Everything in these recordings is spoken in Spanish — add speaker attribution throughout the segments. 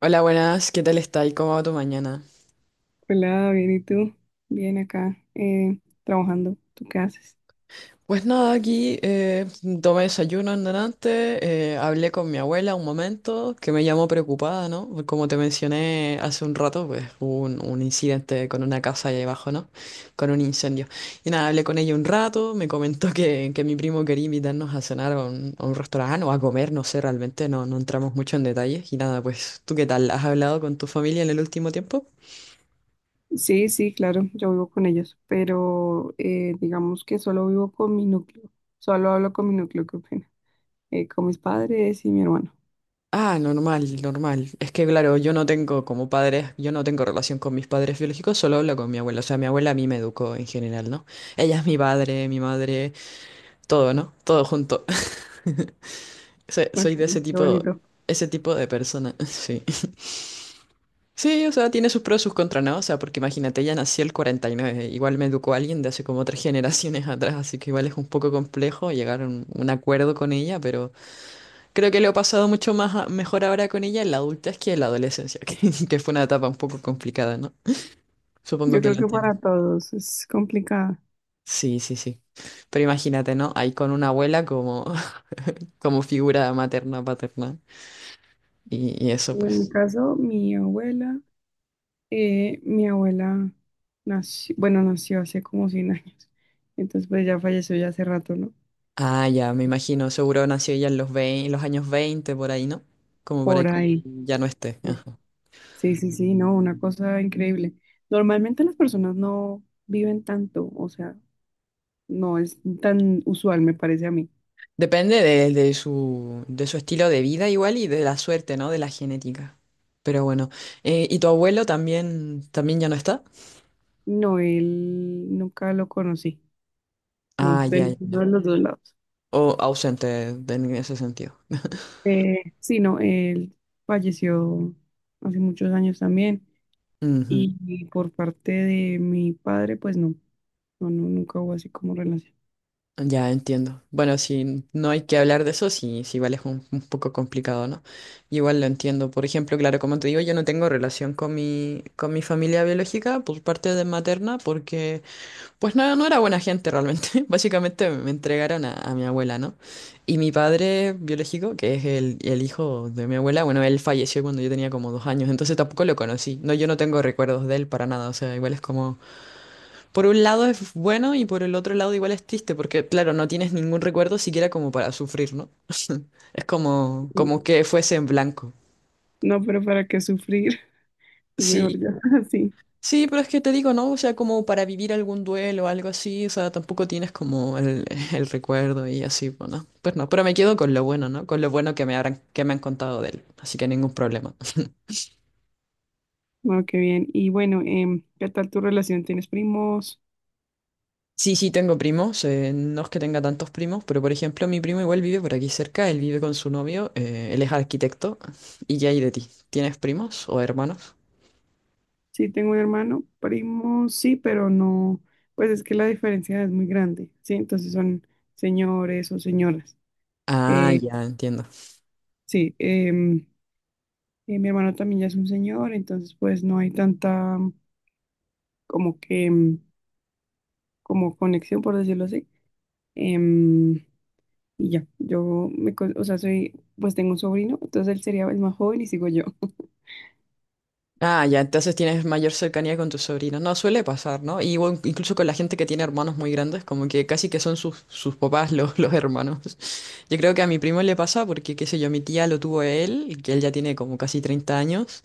Speaker 1: Hola, buenas, ¿qué tal está y cómo va tu mañana?
Speaker 2: Hola, bien, ¿y tú? Bien acá, trabajando. ¿Tú qué haces?
Speaker 1: Pues nada, aquí tomé desayuno en delante, hablé con mi abuela un momento, que me llamó preocupada, ¿no? Como te mencioné hace un rato, pues hubo un incidente con una casa ahí abajo, ¿no? Con un incendio. Y nada, hablé con ella un rato, me comentó que mi primo quería invitarnos a cenar a a un restaurante o a comer, no sé, realmente no entramos mucho en detalles. Y nada, pues, ¿tú qué tal? ¿Has hablado con tu familia en el último tiempo?
Speaker 2: Sí, sí, claro, yo vivo con ellos, pero digamos que solo vivo con mi núcleo. Solo hablo con mi núcleo, qué pena. Con mis padres y mi hermano.
Speaker 1: Ah, normal, normal. Es que claro, yo no tengo como padres, yo no tengo relación con mis padres biológicos, solo hablo con mi abuela. O sea, mi abuela a mí me educó en general, ¿no? Ella es mi padre, mi madre, todo, ¿no? Todo junto. Soy
Speaker 2: Ok,
Speaker 1: soy de
Speaker 2: qué bonito.
Speaker 1: ese tipo de persona, sí. Sí, o sea, tiene sus pros y sus contras, ¿no? O sea, porque imagínate, ella nació el 49, igual me educó alguien de hace como tres generaciones atrás, así que igual es un poco complejo llegar a un acuerdo con ella, pero creo que lo he pasado mucho más mejor ahora con ella en la adultez que en la adolescencia, que fue una etapa un poco complicada, ¿no? Supongo
Speaker 2: Yo
Speaker 1: que
Speaker 2: creo
Speaker 1: lo
Speaker 2: que
Speaker 1: entiendes.
Speaker 2: para todos es complicada.
Speaker 1: Sí, sí, sí. Pero imagínate, ¿no? Ahí con una abuela como, como figura materna, paterna. Y eso,
Speaker 2: En mi
Speaker 1: pues.
Speaker 2: caso, mi abuela nació, bueno, nació hace como 100 años. Entonces, pues ya falleció ya hace rato, ¿no?
Speaker 1: Ah, ya, me imagino. Seguro nació ella en los 20, los años 20 por ahí, ¿no? Como para
Speaker 2: Por
Speaker 1: que
Speaker 2: ahí.
Speaker 1: ya no esté. Ajá.
Speaker 2: Sí, sí, sí, no, una cosa increíble. Normalmente las personas no viven tanto, o sea, no es tan usual, me parece a mí.
Speaker 1: Depende de de su estilo de vida igual y de la suerte, ¿no? De la genética. Pero bueno. ¿Y tu abuelo también, también ya no está?
Speaker 2: No, él nunca lo conocí, no,
Speaker 1: Ah,
Speaker 2: de
Speaker 1: ya, ya.
Speaker 2: ninguno
Speaker 1: Ya.
Speaker 2: de los dos lados.
Speaker 1: O ausente en ese sentido.
Speaker 2: Sí, no, él falleció hace muchos años también,
Speaker 1: Ujú.
Speaker 2: y por parte de mi padre, pues no, no, no, nunca hubo así como relación.
Speaker 1: Ya entiendo. Bueno, si no hay que hablar de eso, sí, sí, vale, es un poco complicado, ¿no? Igual lo entiendo. Por ejemplo, claro, como te digo, yo no tengo relación con con mi familia biológica por parte de materna, porque, pues no, no era buena gente realmente. Básicamente me entregaron a mi abuela, ¿no? Y mi padre biológico, que es el hijo de mi abuela, bueno, él falleció cuando yo tenía como 2 años, entonces tampoco lo conocí. No, yo no tengo recuerdos de él para nada, o sea, igual es como. Por un lado es bueno y por el otro lado igual es triste, porque claro, no tienes ningún recuerdo siquiera como para sufrir, ¿no? Es como,
Speaker 2: Y-
Speaker 1: como que fuese en blanco.
Speaker 2: No, pero para qué sufrir, es
Speaker 1: Sí,
Speaker 2: mejor ya así.
Speaker 1: sí, pero es que te digo, ¿no? O sea, como para vivir algún duelo o algo así, o sea, tampoco tienes como el, el recuerdo y así, bueno, pues no, pero me quedo con lo bueno, ¿no? Con lo bueno que me habrán, que me han contado de él, así que ningún problema.
Speaker 2: Bueno, qué bien. Y bueno, ¿qué tal tu relación? ¿Tienes primos?
Speaker 1: Sí, sí, tengo primos. No es que tenga tantos primos, pero por ejemplo, mi primo igual vive por aquí cerca. Él vive con su novio. Él es arquitecto. ¿Y qué hay de ti? ¿Tienes primos o hermanos?
Speaker 2: Sí, tengo un hermano, primo, sí, pero no, pues es que la diferencia es muy grande, ¿sí? Entonces son señores o señoras.
Speaker 1: Ah,
Speaker 2: Eh,
Speaker 1: ya, entiendo.
Speaker 2: sí, mi hermano también ya es un señor, entonces pues no hay tanta como que, como conexión, por decirlo así. Em, y ya, O sea, pues tengo un sobrino, entonces él sería el más joven y sigo yo.
Speaker 1: Ah, ya, entonces tienes mayor cercanía con tus sobrinos. No, suele pasar, ¿no? Y bueno, incluso con la gente que tiene hermanos muy grandes, como que casi que son sus papás los hermanos. Yo creo que a mi primo le pasa porque, qué sé yo, mi tía lo tuvo él, que él ya tiene como casi 30 años.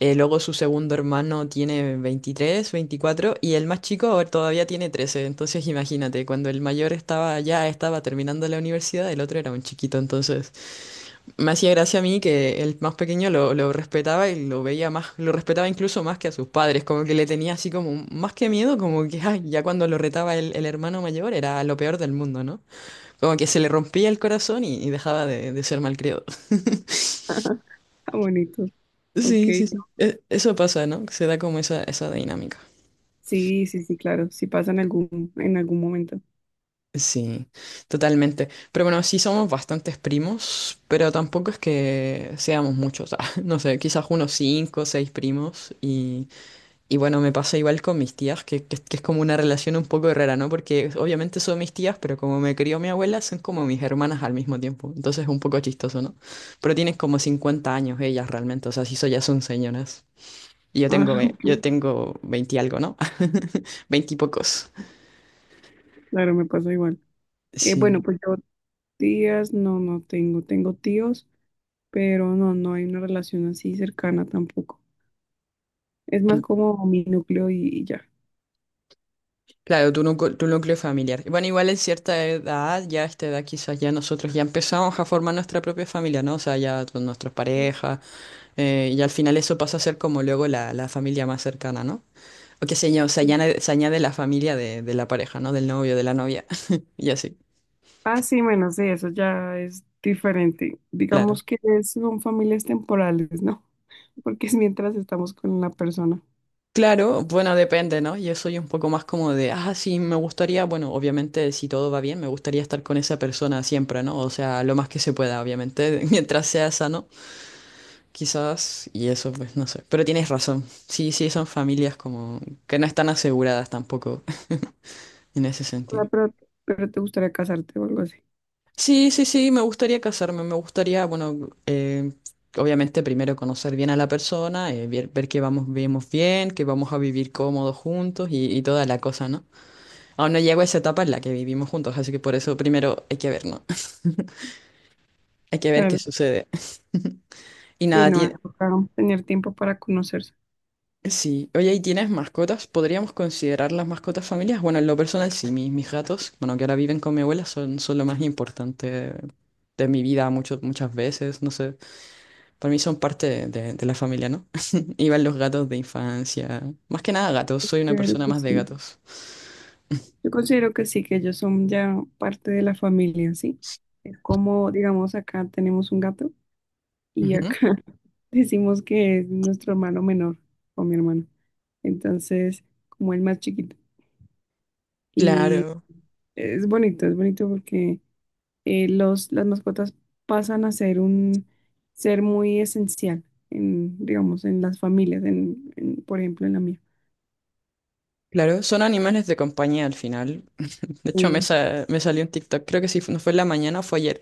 Speaker 1: Luego su segundo hermano tiene 23, 24 y el más chico ahora todavía tiene 13. Entonces imagínate, cuando el mayor estaba ya estaba terminando la universidad, el otro era un chiquito. Entonces me hacía gracia a mí que el más pequeño lo respetaba y lo veía más, lo respetaba incluso más que a sus padres, como que le tenía así como más que miedo, como que ay, ya cuando lo retaba el hermano mayor era lo peor del mundo, ¿no? Como que se le rompía el corazón y dejaba de ser malcriado.
Speaker 2: Ah, bonito, ok.
Speaker 1: Sí, sí, sí. Eso pasa, ¿no? Se da como esa dinámica.
Speaker 2: Sí, sí, sí, claro, sí pasa en algún momento.
Speaker 1: Sí, totalmente. Pero bueno, sí somos bastantes primos, pero tampoco es que seamos muchos. No sé, quizás unos cinco o seis primos. Y bueno, me pasa igual con mis tías, que es como una relación un poco rara, ¿no? Porque obviamente son mis tías, pero como me crió mi abuela, son como mis hermanas al mismo tiempo. Entonces es un poco chistoso, ¿no? Pero tienen como 50 años ellas realmente, o sea, sí, ya son señoras. Y yo
Speaker 2: Ah,
Speaker 1: tengo, yo
Speaker 2: ok,
Speaker 1: tengo 20 y algo, ¿no? 20 y pocos.
Speaker 2: claro, me pasa igual. Bueno,
Speaker 1: Sí.
Speaker 2: pues yo tías, no tengo, tengo tíos, pero no hay una relación así cercana tampoco. Es más como mi núcleo y ya.
Speaker 1: Claro, tu núcleo familiar. Y bueno, igual en cierta edad, ya a esta edad quizás ya nosotros ya empezamos a formar nuestra propia familia, ¿no? O sea, ya con nuestras parejas, y al final eso pasa a ser como luego la familia más cercana, ¿no? O que se,
Speaker 2: Sí.
Speaker 1: se añade la familia de la pareja, ¿no? Del novio, de la novia, y así,
Speaker 2: Ah, sí, bueno, sí, eso ya es diferente.
Speaker 1: claro.
Speaker 2: Digamos que son familias temporales, ¿no? Porque es mientras estamos con la persona.
Speaker 1: Claro, bueno, depende, ¿no? Yo soy un poco más como de, ah, sí, me gustaría, bueno, obviamente si todo va bien, me gustaría estar con esa persona siempre, ¿no? O sea, lo más que se pueda, obviamente, mientras sea sano. Quizás, y eso pues no sé. Pero tienes razón. Sí, sí, son familias como que no están aseguradas tampoco en ese
Speaker 2: O sea,
Speaker 1: sentido.
Speaker 2: pero te gustaría casarte o algo así.
Speaker 1: Sí, sí, sí, me gustaría casarme. Me gustaría, bueno, obviamente primero conocer bien a la persona, ver que vamos, vivimos bien, que vamos a vivir cómodos juntos y toda la cosa, ¿no? Aún no llego a esa etapa en la que vivimos juntos, así que por eso primero hay que ver, ¿no? Hay que ver qué
Speaker 2: Claro,
Speaker 1: sucede. Y
Speaker 2: sí,
Speaker 1: nada,
Speaker 2: no, toca tener tiempo para conocerse.
Speaker 1: sí, oye, ¿y tienes mascotas? ¿Podríamos considerar las mascotas familias? Bueno, en lo personal sí, mis gatos, bueno, que ahora viven con mi abuela, son lo más importante de mi vida muchas veces, no sé, para mí son parte de la familia, ¿no? Iban los gatos de infancia, más que nada gatos, soy una
Speaker 2: Claro
Speaker 1: persona
Speaker 2: que
Speaker 1: más de
Speaker 2: sí.
Speaker 1: gatos.
Speaker 2: Yo considero que sí, que ellos son ya parte de la familia en sí. Es como, digamos, acá tenemos un gato y
Speaker 1: Ujú.
Speaker 2: acá decimos que es nuestro hermano menor o mi hermano. Entonces, como el más chiquito. Y
Speaker 1: Claro,
Speaker 2: es bonito porque las mascotas pasan a ser un ser muy esencial en, digamos, en las familias, en, por ejemplo, en la mía.
Speaker 1: claro, son animales de compañía al final. De hecho, me, me salió en TikTok, creo que si no fue en la mañana o fue ayer,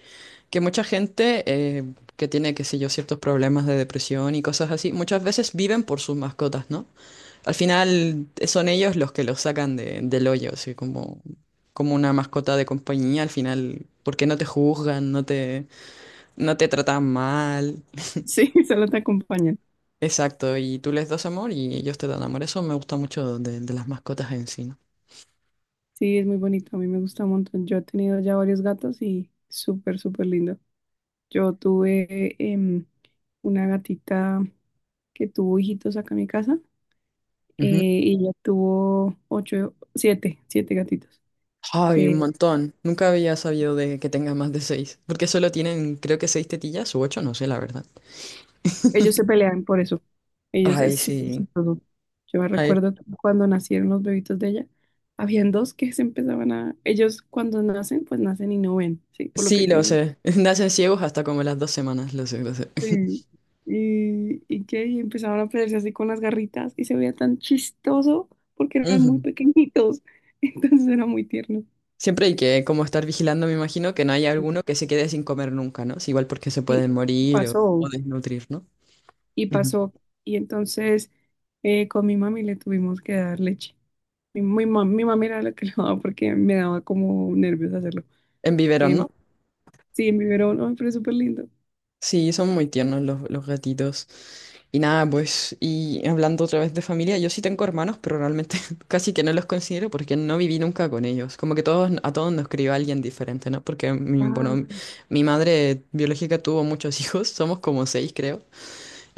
Speaker 1: que mucha gente que tiene, qué sé yo, ciertos problemas de depresión y cosas así, muchas veces viven por sus mascotas, ¿no? Al final son ellos los que los sacan del hoyo, así como, como una mascota de compañía, al final, porque no te juzgan, no te tratan mal,
Speaker 2: Sí, sí, solo te acompañan.
Speaker 1: exacto, y tú les das amor y ellos te dan amor. Eso me gusta mucho de las mascotas en sí,
Speaker 2: Sí, es muy bonito, a mí me gusta un montón. Yo he tenido ya varios gatos y súper, súper lindo. Yo tuve una gatita que tuvo hijitos acá en mi casa, eh,
Speaker 1: ¿no?
Speaker 2: y ella tuvo ocho, siete gatitos.
Speaker 1: Ay, un
Speaker 2: Eh,
Speaker 1: montón. Nunca había sabido de que tenga más de seis. Porque solo tienen, creo que seis tetillas o ocho, no sé, la verdad.
Speaker 2: Ellos se pelean por eso. Ellos
Speaker 1: Ay,
Speaker 2: es súper
Speaker 1: sí.
Speaker 2: chistoso. Yo me
Speaker 1: Ay,
Speaker 2: recuerdo que cuando nacieron los bebitos de ella, habían dos que se empezaban a... Ellos cuando nacen, pues nacen y no ven, ¿sí? Por lo que
Speaker 1: sí, lo
Speaker 2: tienen.
Speaker 1: sé. Nacen ciegos hasta como las 2 semanas, lo sé, lo sé.
Speaker 2: Sí. Y empezaban a pelearse así con las garritas y se veía tan chistoso porque eran muy
Speaker 1: Ujú.
Speaker 2: pequeñitos. Entonces era muy tierno.
Speaker 1: Siempre hay que como estar vigilando, me imagino, que no haya alguno que se quede sin comer nunca, ¿no? Es igual porque se
Speaker 2: Sí,
Speaker 1: pueden morir o
Speaker 2: pasó.
Speaker 1: desnutrir, ¿no?
Speaker 2: Y
Speaker 1: Ujú.
Speaker 2: pasó. Y entonces, con mi mami le tuvimos que dar leche. Mi mami era la que le daba porque me daba como nervios hacerlo.
Speaker 1: En biberón,
Speaker 2: Em,
Speaker 1: ¿no?
Speaker 2: sí, en biberón, ay, pero es súper lindo.
Speaker 1: Sí, son muy tiernos los gatitos. Y nada, pues, y hablando otra vez de familia, yo sí tengo hermanos, pero realmente casi que no los considero porque no viví nunca con ellos. Como que todos, a todos nos crió alguien diferente, ¿no? Porque, mi,
Speaker 2: Ah,
Speaker 1: bueno, mi madre biológica tuvo muchos hijos, somos como seis, creo.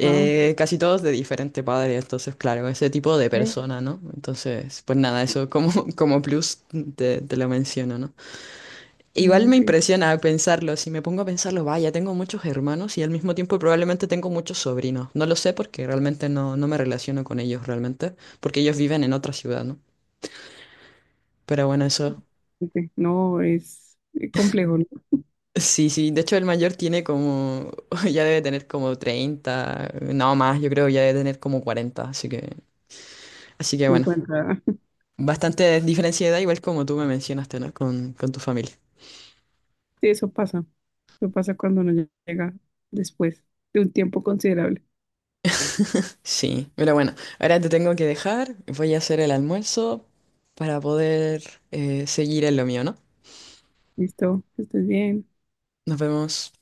Speaker 2: wow.
Speaker 1: Casi todos de diferente padre, entonces, claro, ese tipo de
Speaker 2: Ok,
Speaker 1: persona, ¿no? Entonces, pues nada, eso como, como plus te lo menciono, ¿no? Igual
Speaker 2: ah,
Speaker 1: me
Speaker 2: ok,
Speaker 1: impresiona pensarlo, si me pongo a pensarlo, vaya, tengo muchos hermanos y al mismo tiempo probablemente tengo muchos sobrinos. No lo sé porque realmente no me relaciono con ellos realmente, porque ellos viven en otra ciudad, ¿no? Pero bueno, eso.
Speaker 2: ok. No, es complejo, ¿no?
Speaker 1: Sí, sí, de hecho el mayor tiene como, ya debe tener como 30, no más, yo creo ya debe tener como 40. así que, bueno,
Speaker 2: 50.
Speaker 1: bastante diferencia de edad, igual como tú me mencionaste, ¿no? Con tu familia.
Speaker 2: Sí, eso pasa. Eso pasa cuando uno llega después de un tiempo considerable.
Speaker 1: Sí, pero bueno, ahora te tengo que dejar, voy a hacer el almuerzo para poder seguir en lo mío, ¿no?
Speaker 2: Listo, que estés bien.
Speaker 1: Nos vemos.